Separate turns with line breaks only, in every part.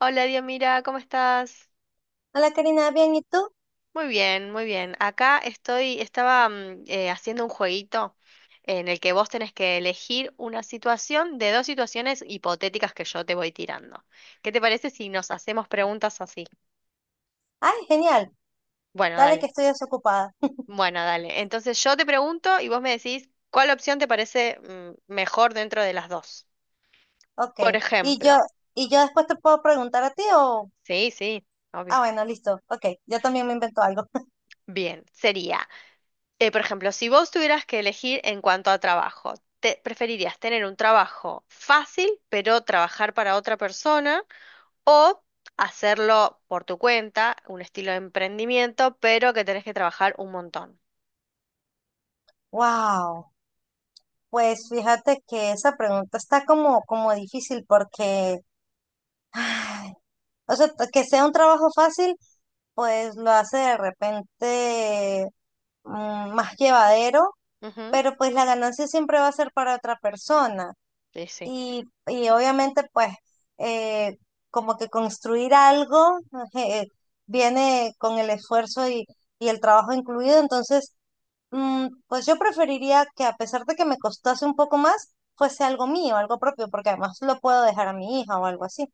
Hola, Diomira, ¿cómo estás?
Hola Karina, bien, ¿y tú?
Muy bien, muy bien. Acá estoy, estaba haciendo un jueguito en el que vos tenés que elegir una situación de dos situaciones hipotéticas que yo te voy tirando. ¿Qué te parece si nos hacemos preguntas así?
Ay, genial,
Bueno,
dale que
dale.
estoy desocupada.
Bueno, dale. Entonces yo te pregunto y vos me decís cuál opción te parece mejor dentro de las dos.
Ok,
Por
y yo,
ejemplo.
y yo después te puedo preguntar a ti o...
Sí, sí, obvio.
Ah, bueno, listo, ok, yo también me invento algo.
Bien, sería. Por ejemplo, si vos tuvieras que elegir en cuanto a trabajo, ¿te preferirías tener un trabajo fácil, pero trabajar para otra persona, o hacerlo por tu cuenta, un estilo de emprendimiento, pero que tenés que trabajar un montón?
Wow, pues fíjate que esa pregunta está como difícil porque, ay, o sea, que sea un trabajo fácil, pues lo hace de repente más llevadero,
Ujú.
pero pues la ganancia siempre va a ser para otra persona.
Sí, sí,
Y obviamente, pues, eh, como que construir algo, eh, viene con el esfuerzo y el trabajo incluido. Entonces, pues yo preferiría que, a pesar de que me costase un poco más, fuese algo mío, algo propio, porque además lo puedo dejar a mi hija o algo así.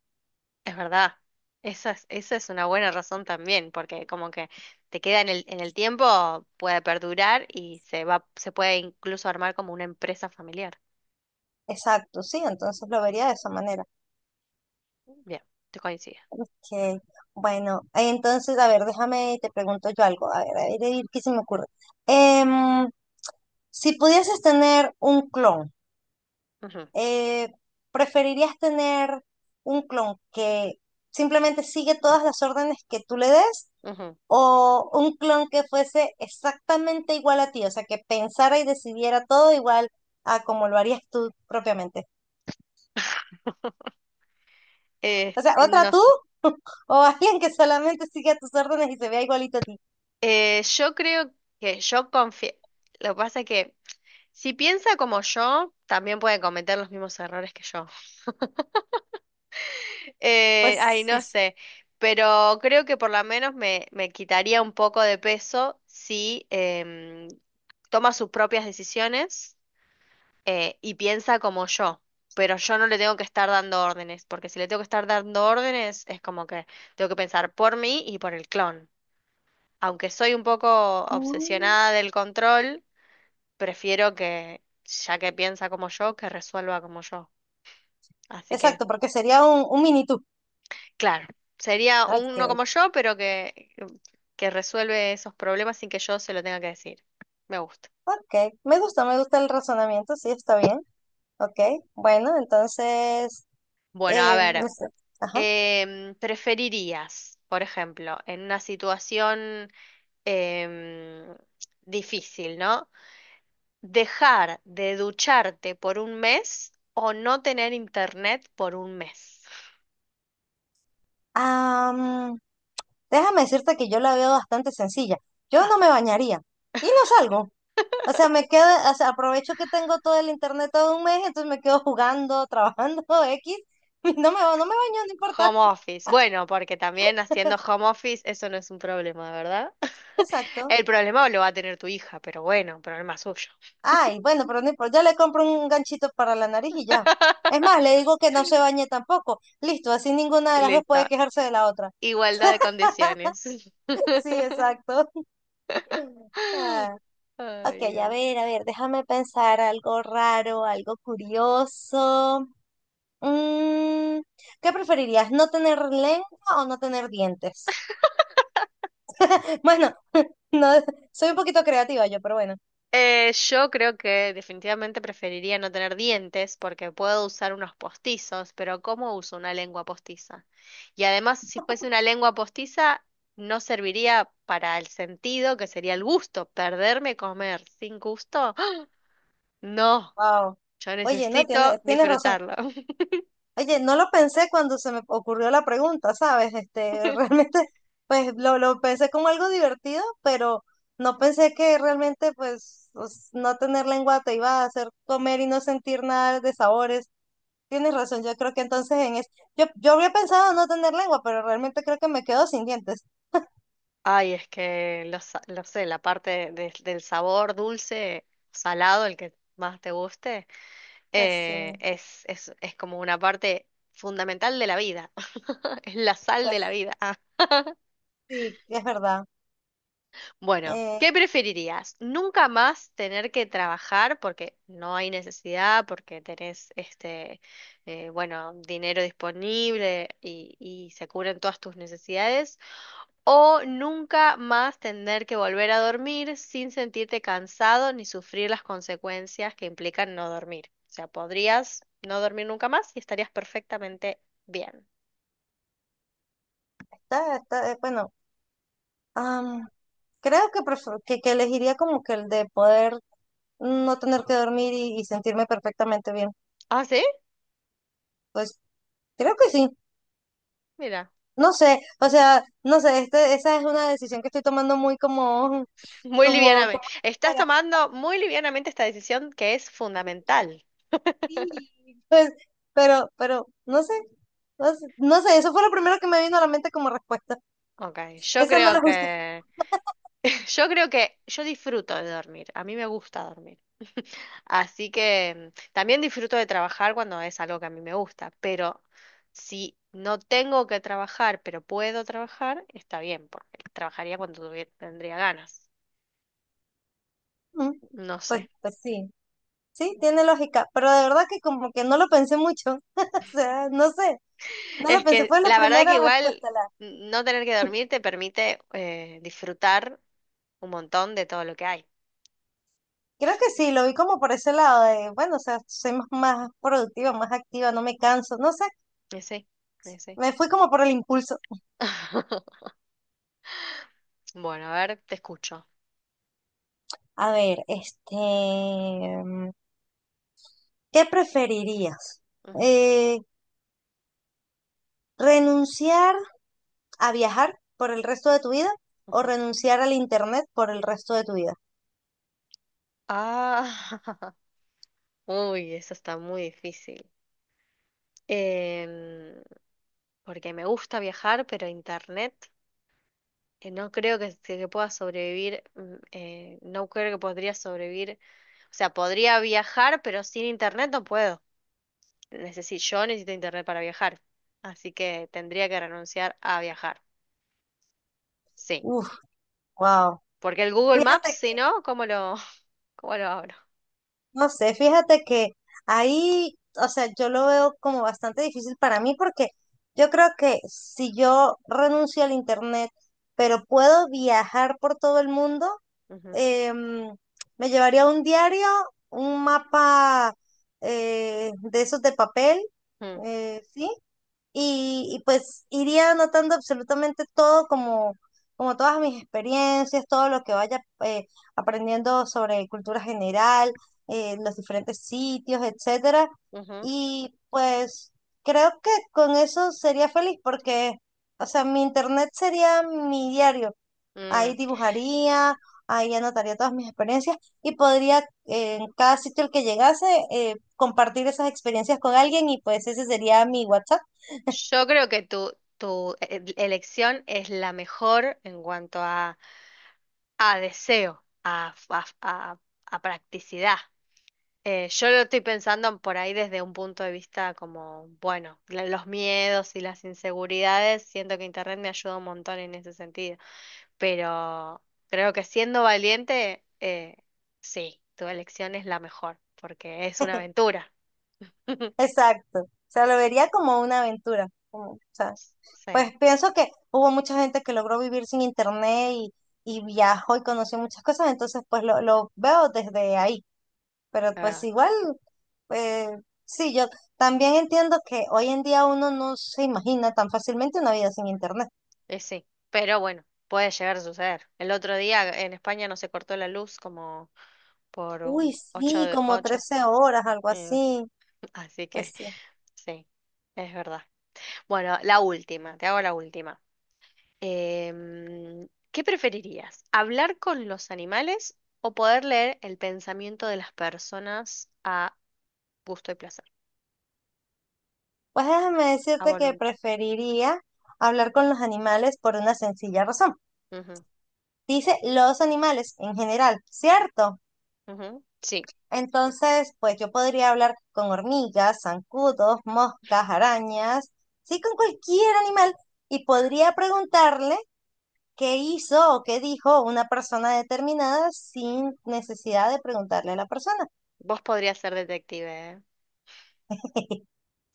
es verdad. Esa es una buena razón también, porque como que te queda en el tiempo, puede perdurar y se puede incluso armar como una empresa familiar.
Exacto, sí, entonces lo vería de esa manera.
Bien, te coincido.
Que, bueno, entonces, a ver, déjame, te pregunto yo algo. A ver, a ver, a ver, ¿qué se me ocurre? Em, si pudieses tener un clon,
Ujú,
eh, ¿preferirías tener un clon que simplemente sigue todas las órdenes que tú le des,
ujú.
o un clon que fuese exactamente igual a ti? O sea, que pensara y decidiera todo igual a como lo harías tú propiamente. O sea, ¿otra
No.
tú o alguien que solamente siga tus órdenes y se vea igualito a ti?
Yo creo que yo confío. Lo que pasa es que si piensa como yo, también puede cometer los mismos errores que yo.
Pues
Ay, no
es-
sé. Pero creo que por lo menos me quitaría un poco de peso si toma sus propias decisiones y piensa como yo. Pero yo no le tengo que estar dando órdenes, porque si le tengo que estar dando órdenes, es como que tengo que pensar por mí y por el clon. Aunque soy un poco
mm,
obsesionada del control, prefiero que, ya que piensa como yo, que resuelva como yo. Así que,
exacto, porque sería un mini tú.
claro, sería uno
Ok,
como yo, pero que resuelve esos problemas sin que yo se lo tenga que decir. Me gusta.
ok. Me gusta el razonamiento, sí, está bien. Ok, bueno, entonces...
Bueno, a
no
ver,
sé, ajá.
¿preferirías, por ejemplo, en una situación em, difícil, ¿no? Dejar de ducharte por un mes o no tener internet por un mes.
Am, déjame decirte que yo la veo bastante sencilla. Yo
Ah,
no me bañaría y no salgo. O sea, me quedo, o sea, aprovecho que tengo todo el internet todo un mes, entonces me quedo jugando, trabajando, X. Y no me, no me baño, no importa.
home office. Bueno, porque también haciendo home office eso no es un problema, ¿verdad?
Exacto.
El problema lo va a tener tu hija, pero bueno, problema suyo.
Ay, bueno, pero no importa. Ya le compro un ganchito para la nariz y ya. Es más, le digo que no se bañe tampoco. Listo, así ninguna de las dos
Listo.
puede quejarse de la otra.
Igualdad de condiciones.
Sí, exacto. Ay. Ok,
Ay, Dios.
a ver, déjame pensar algo raro, algo curioso. Mm, ¿qué preferirías? ¿No tener lengua o no tener dientes? Bueno, no, soy un poquito creativa yo, pero bueno.
Yo creo que definitivamente preferiría no tener dientes porque puedo usar unos postizos, pero ¿cómo uso una lengua postiza? Y además, si fuese una lengua postiza, no serviría para el sentido, que sería el gusto, perderme comer sin gusto. No,
Wow.
yo
Oye, no,
necesito
tienes razón.
disfrutarlo.
Oye, no lo pensé cuando se me ocurrió la pregunta, ¿sabes? Este, realmente, pues lo pensé como algo divertido, pero no pensé que realmente, pues, no tener lengua te iba a hacer comer y no sentir nada de sabores. Tienes razón, yo creo que entonces en es... yo habría pensado no tener lengua, pero realmente creo que me quedo sin dientes.
Ay, es que sa- lo sé, la parte de- del sabor dulce, salado, el que más te guste,
Pues, mm,
es como una parte fundamental de la vida. Es la sal de la
pues
vida. Ah,
sí, es verdad.
bueno, ¿qué
Eh,
preferirías? ¿Nunca más tener que trabajar porque no hay necesidad, porque tenés bueno, dinero disponible y se cubren todas tus necesidades? O nunca más tener que volver a dormir sin sentirte cansado ni sufrir las consecuencias que implican no dormir. O sea, podrías no dormir nunca más y estarías perfectamente bien.
está, bueno, am, creo que, que elegiría como que el de poder no tener que dormir y sentirme perfectamente bien.
Ah, ¿sí?
Pues creo que sí.
Mira,
No sé, o sea, no sé, este, esa es una decisión que estoy tomando muy como,
muy
como,
livianamente.
como
Estás tomando muy livianamente esta decisión que es fundamental.
Sí, pues, pero, no sé, no sé, eso fue lo primero que me vino a la mente como respuesta.
Ok, yo
Esa no
creo
la justifico.
que, yo creo que yo disfruto de dormir. A mí me gusta dormir. Así que también disfruto de trabajar cuando es algo que a mí me gusta, pero si no tengo que trabajar, pero puedo trabajar, está bien, porque trabajaría cuando tuvie- tendría ganas.
Mm,
No sé.
pues, pues sí, sí, tiene lógica, pero de verdad que como que no lo pensé mucho, o sea, no sé, no lo
Es
pensé,
que
fue la
la verdad que
primera
igual
respuesta, la,
no tener que dormir te permite disfrutar un montón de todo lo que hay.
creo que sí, lo vi como por ese lado de, bueno, o sea, soy más, más productiva, más activa, no me canso, no sé,
Sí, sí.
me fui como por el impulso.
Bueno, a ver, te escucho.
A ver, este, mm, ¿qué preferirías?
Ujú,
Eh, ¿renunciar a viajar por el resto de tu vida o
ujú.
renunciar al internet por el resto de tu vida?
Ah, uy, eso está muy difícil. Em, porque me gusta viajar, pero internet no creo que pueda sobrevivir, no creo que podría sobrevivir, o sea, podría viajar, pero sin internet no puedo. Yo necesito internet para viajar, así que tendría que renunciar a viajar, sí,
Uf, wow.
porque el Google Maps,
Fíjate
si
que,
no, ¿cómo lo, cómo lo abro?
no sé, fíjate que ahí, o sea, yo lo veo como bastante difícil para mí porque yo creo que si yo renuncio al internet, pero puedo viajar por todo el mundo,
Ujú,
em, me llevaría un diario, un mapa, de esos de papel,
mm,
¿sí? Y pues iría anotando absolutamente todo, como, como todas mis experiencias, todo lo que vaya aprendiendo sobre cultura general, los diferentes sitios, etcétera.
ujú,
Y pues creo que con eso sería feliz porque, o sea, mi internet sería mi diario. Ahí
mm.
dibujaría, ahí anotaría todas mis experiencias y podría, en cada sitio al que llegase, compartir esas experiencias con alguien, y pues ese sería mi WhatsApp.
Yo creo que tu elección es la mejor en cuanto a deseo, a practicidad. Yo lo estoy pensando por ahí desde un punto de vista como, bueno, los miedos y las inseguridades. Siento que Internet me ayuda un montón en ese sentido. Pero creo que siendo valiente, sí, tu elección es la mejor, porque es una aventura.
Exacto. O sea, lo vería como una aventura. Como, o sea, pues
Sí,
pienso que hubo mucha gente que logró vivir sin internet y viajó y conoció muchas cosas, entonces pues lo veo desde ahí. Pero
la
pues
verdad.
igual, eh, sí, yo también entiendo que hoy en día uno no se imagina tan fácilmente una vida sin internet.
Sí, pero bueno, puede llegar a suceder. El otro día en España no se cortó la luz como por
Uy,
un ocho,
sí, como
ocho,
13 horas, algo
eh,
así.
así que
Pues sí.
sí, es verdad. Bueno, la última, te hago la última. Em, ¿qué preferirías? ¿Hablar con los animales o poder leer el pensamiento de las personas a gusto y placer,
Pues déjame
a
decirte que
voluntad?
preferiría hablar con los animales por una sencilla razón.
Ujú,
Dice los animales en general, ¿cierto?
ujú. Sí,
Entonces, pues yo podría hablar con hormigas, zancudos, moscas, arañas, sí, con cualquier animal, y podría preguntarle qué hizo o qué dijo una persona determinada sin necesidad de preguntarle a la persona.
vos podrías ser detective, ¿eh?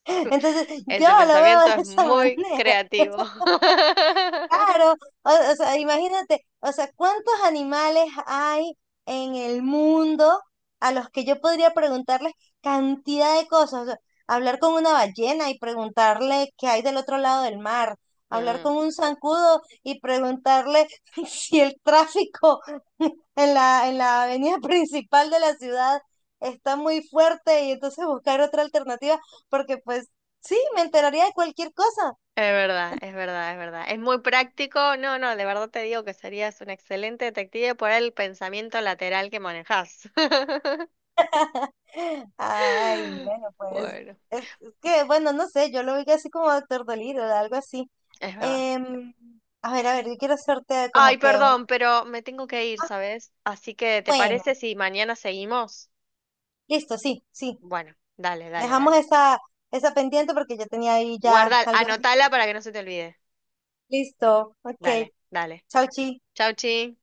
Entonces, yo
Ese
lo
pensamiento
veo de
es
esa
muy
manera.
creativo.
Claro, o sea, imagínate, o sea, ¿cuántos animales hay en el mundo a los que yo podría preguntarles cantidad de cosas? O sea, hablar con una ballena y preguntarle qué hay del otro lado del mar, hablar
Mm,
con un zancudo y preguntarle si el tráfico en en la avenida principal de la ciudad está muy fuerte, y entonces buscar otra alternativa, porque pues sí, me enteraría de cualquier cosa.
es verdad, es verdad, es verdad. Es muy práctico. No, no, de verdad te digo que serías un excelente detective por el pensamiento lateral que manejas.
Ay, bueno, pues
Bueno,
es que, bueno, no sé, yo lo vi así como Doctor Dolittle, algo así.
es verdad.
Em, a ver, yo quiero hacerte como
Ay,
que un...
perdón, pero me tengo que ir,
Ah,
¿sabes? Así que, ¿te
bueno,
parece si mañana seguimos?
listo, sí, sí.
Bueno, dale, dale,
Dejamos
dale.
esa, esa pendiente porque yo tenía ahí ya
Guarda,
algunas
anotala
ideas.
para que no se te olvide.
Listo, ok.
Dale, dale.
Chau, chi.
Chau, chi.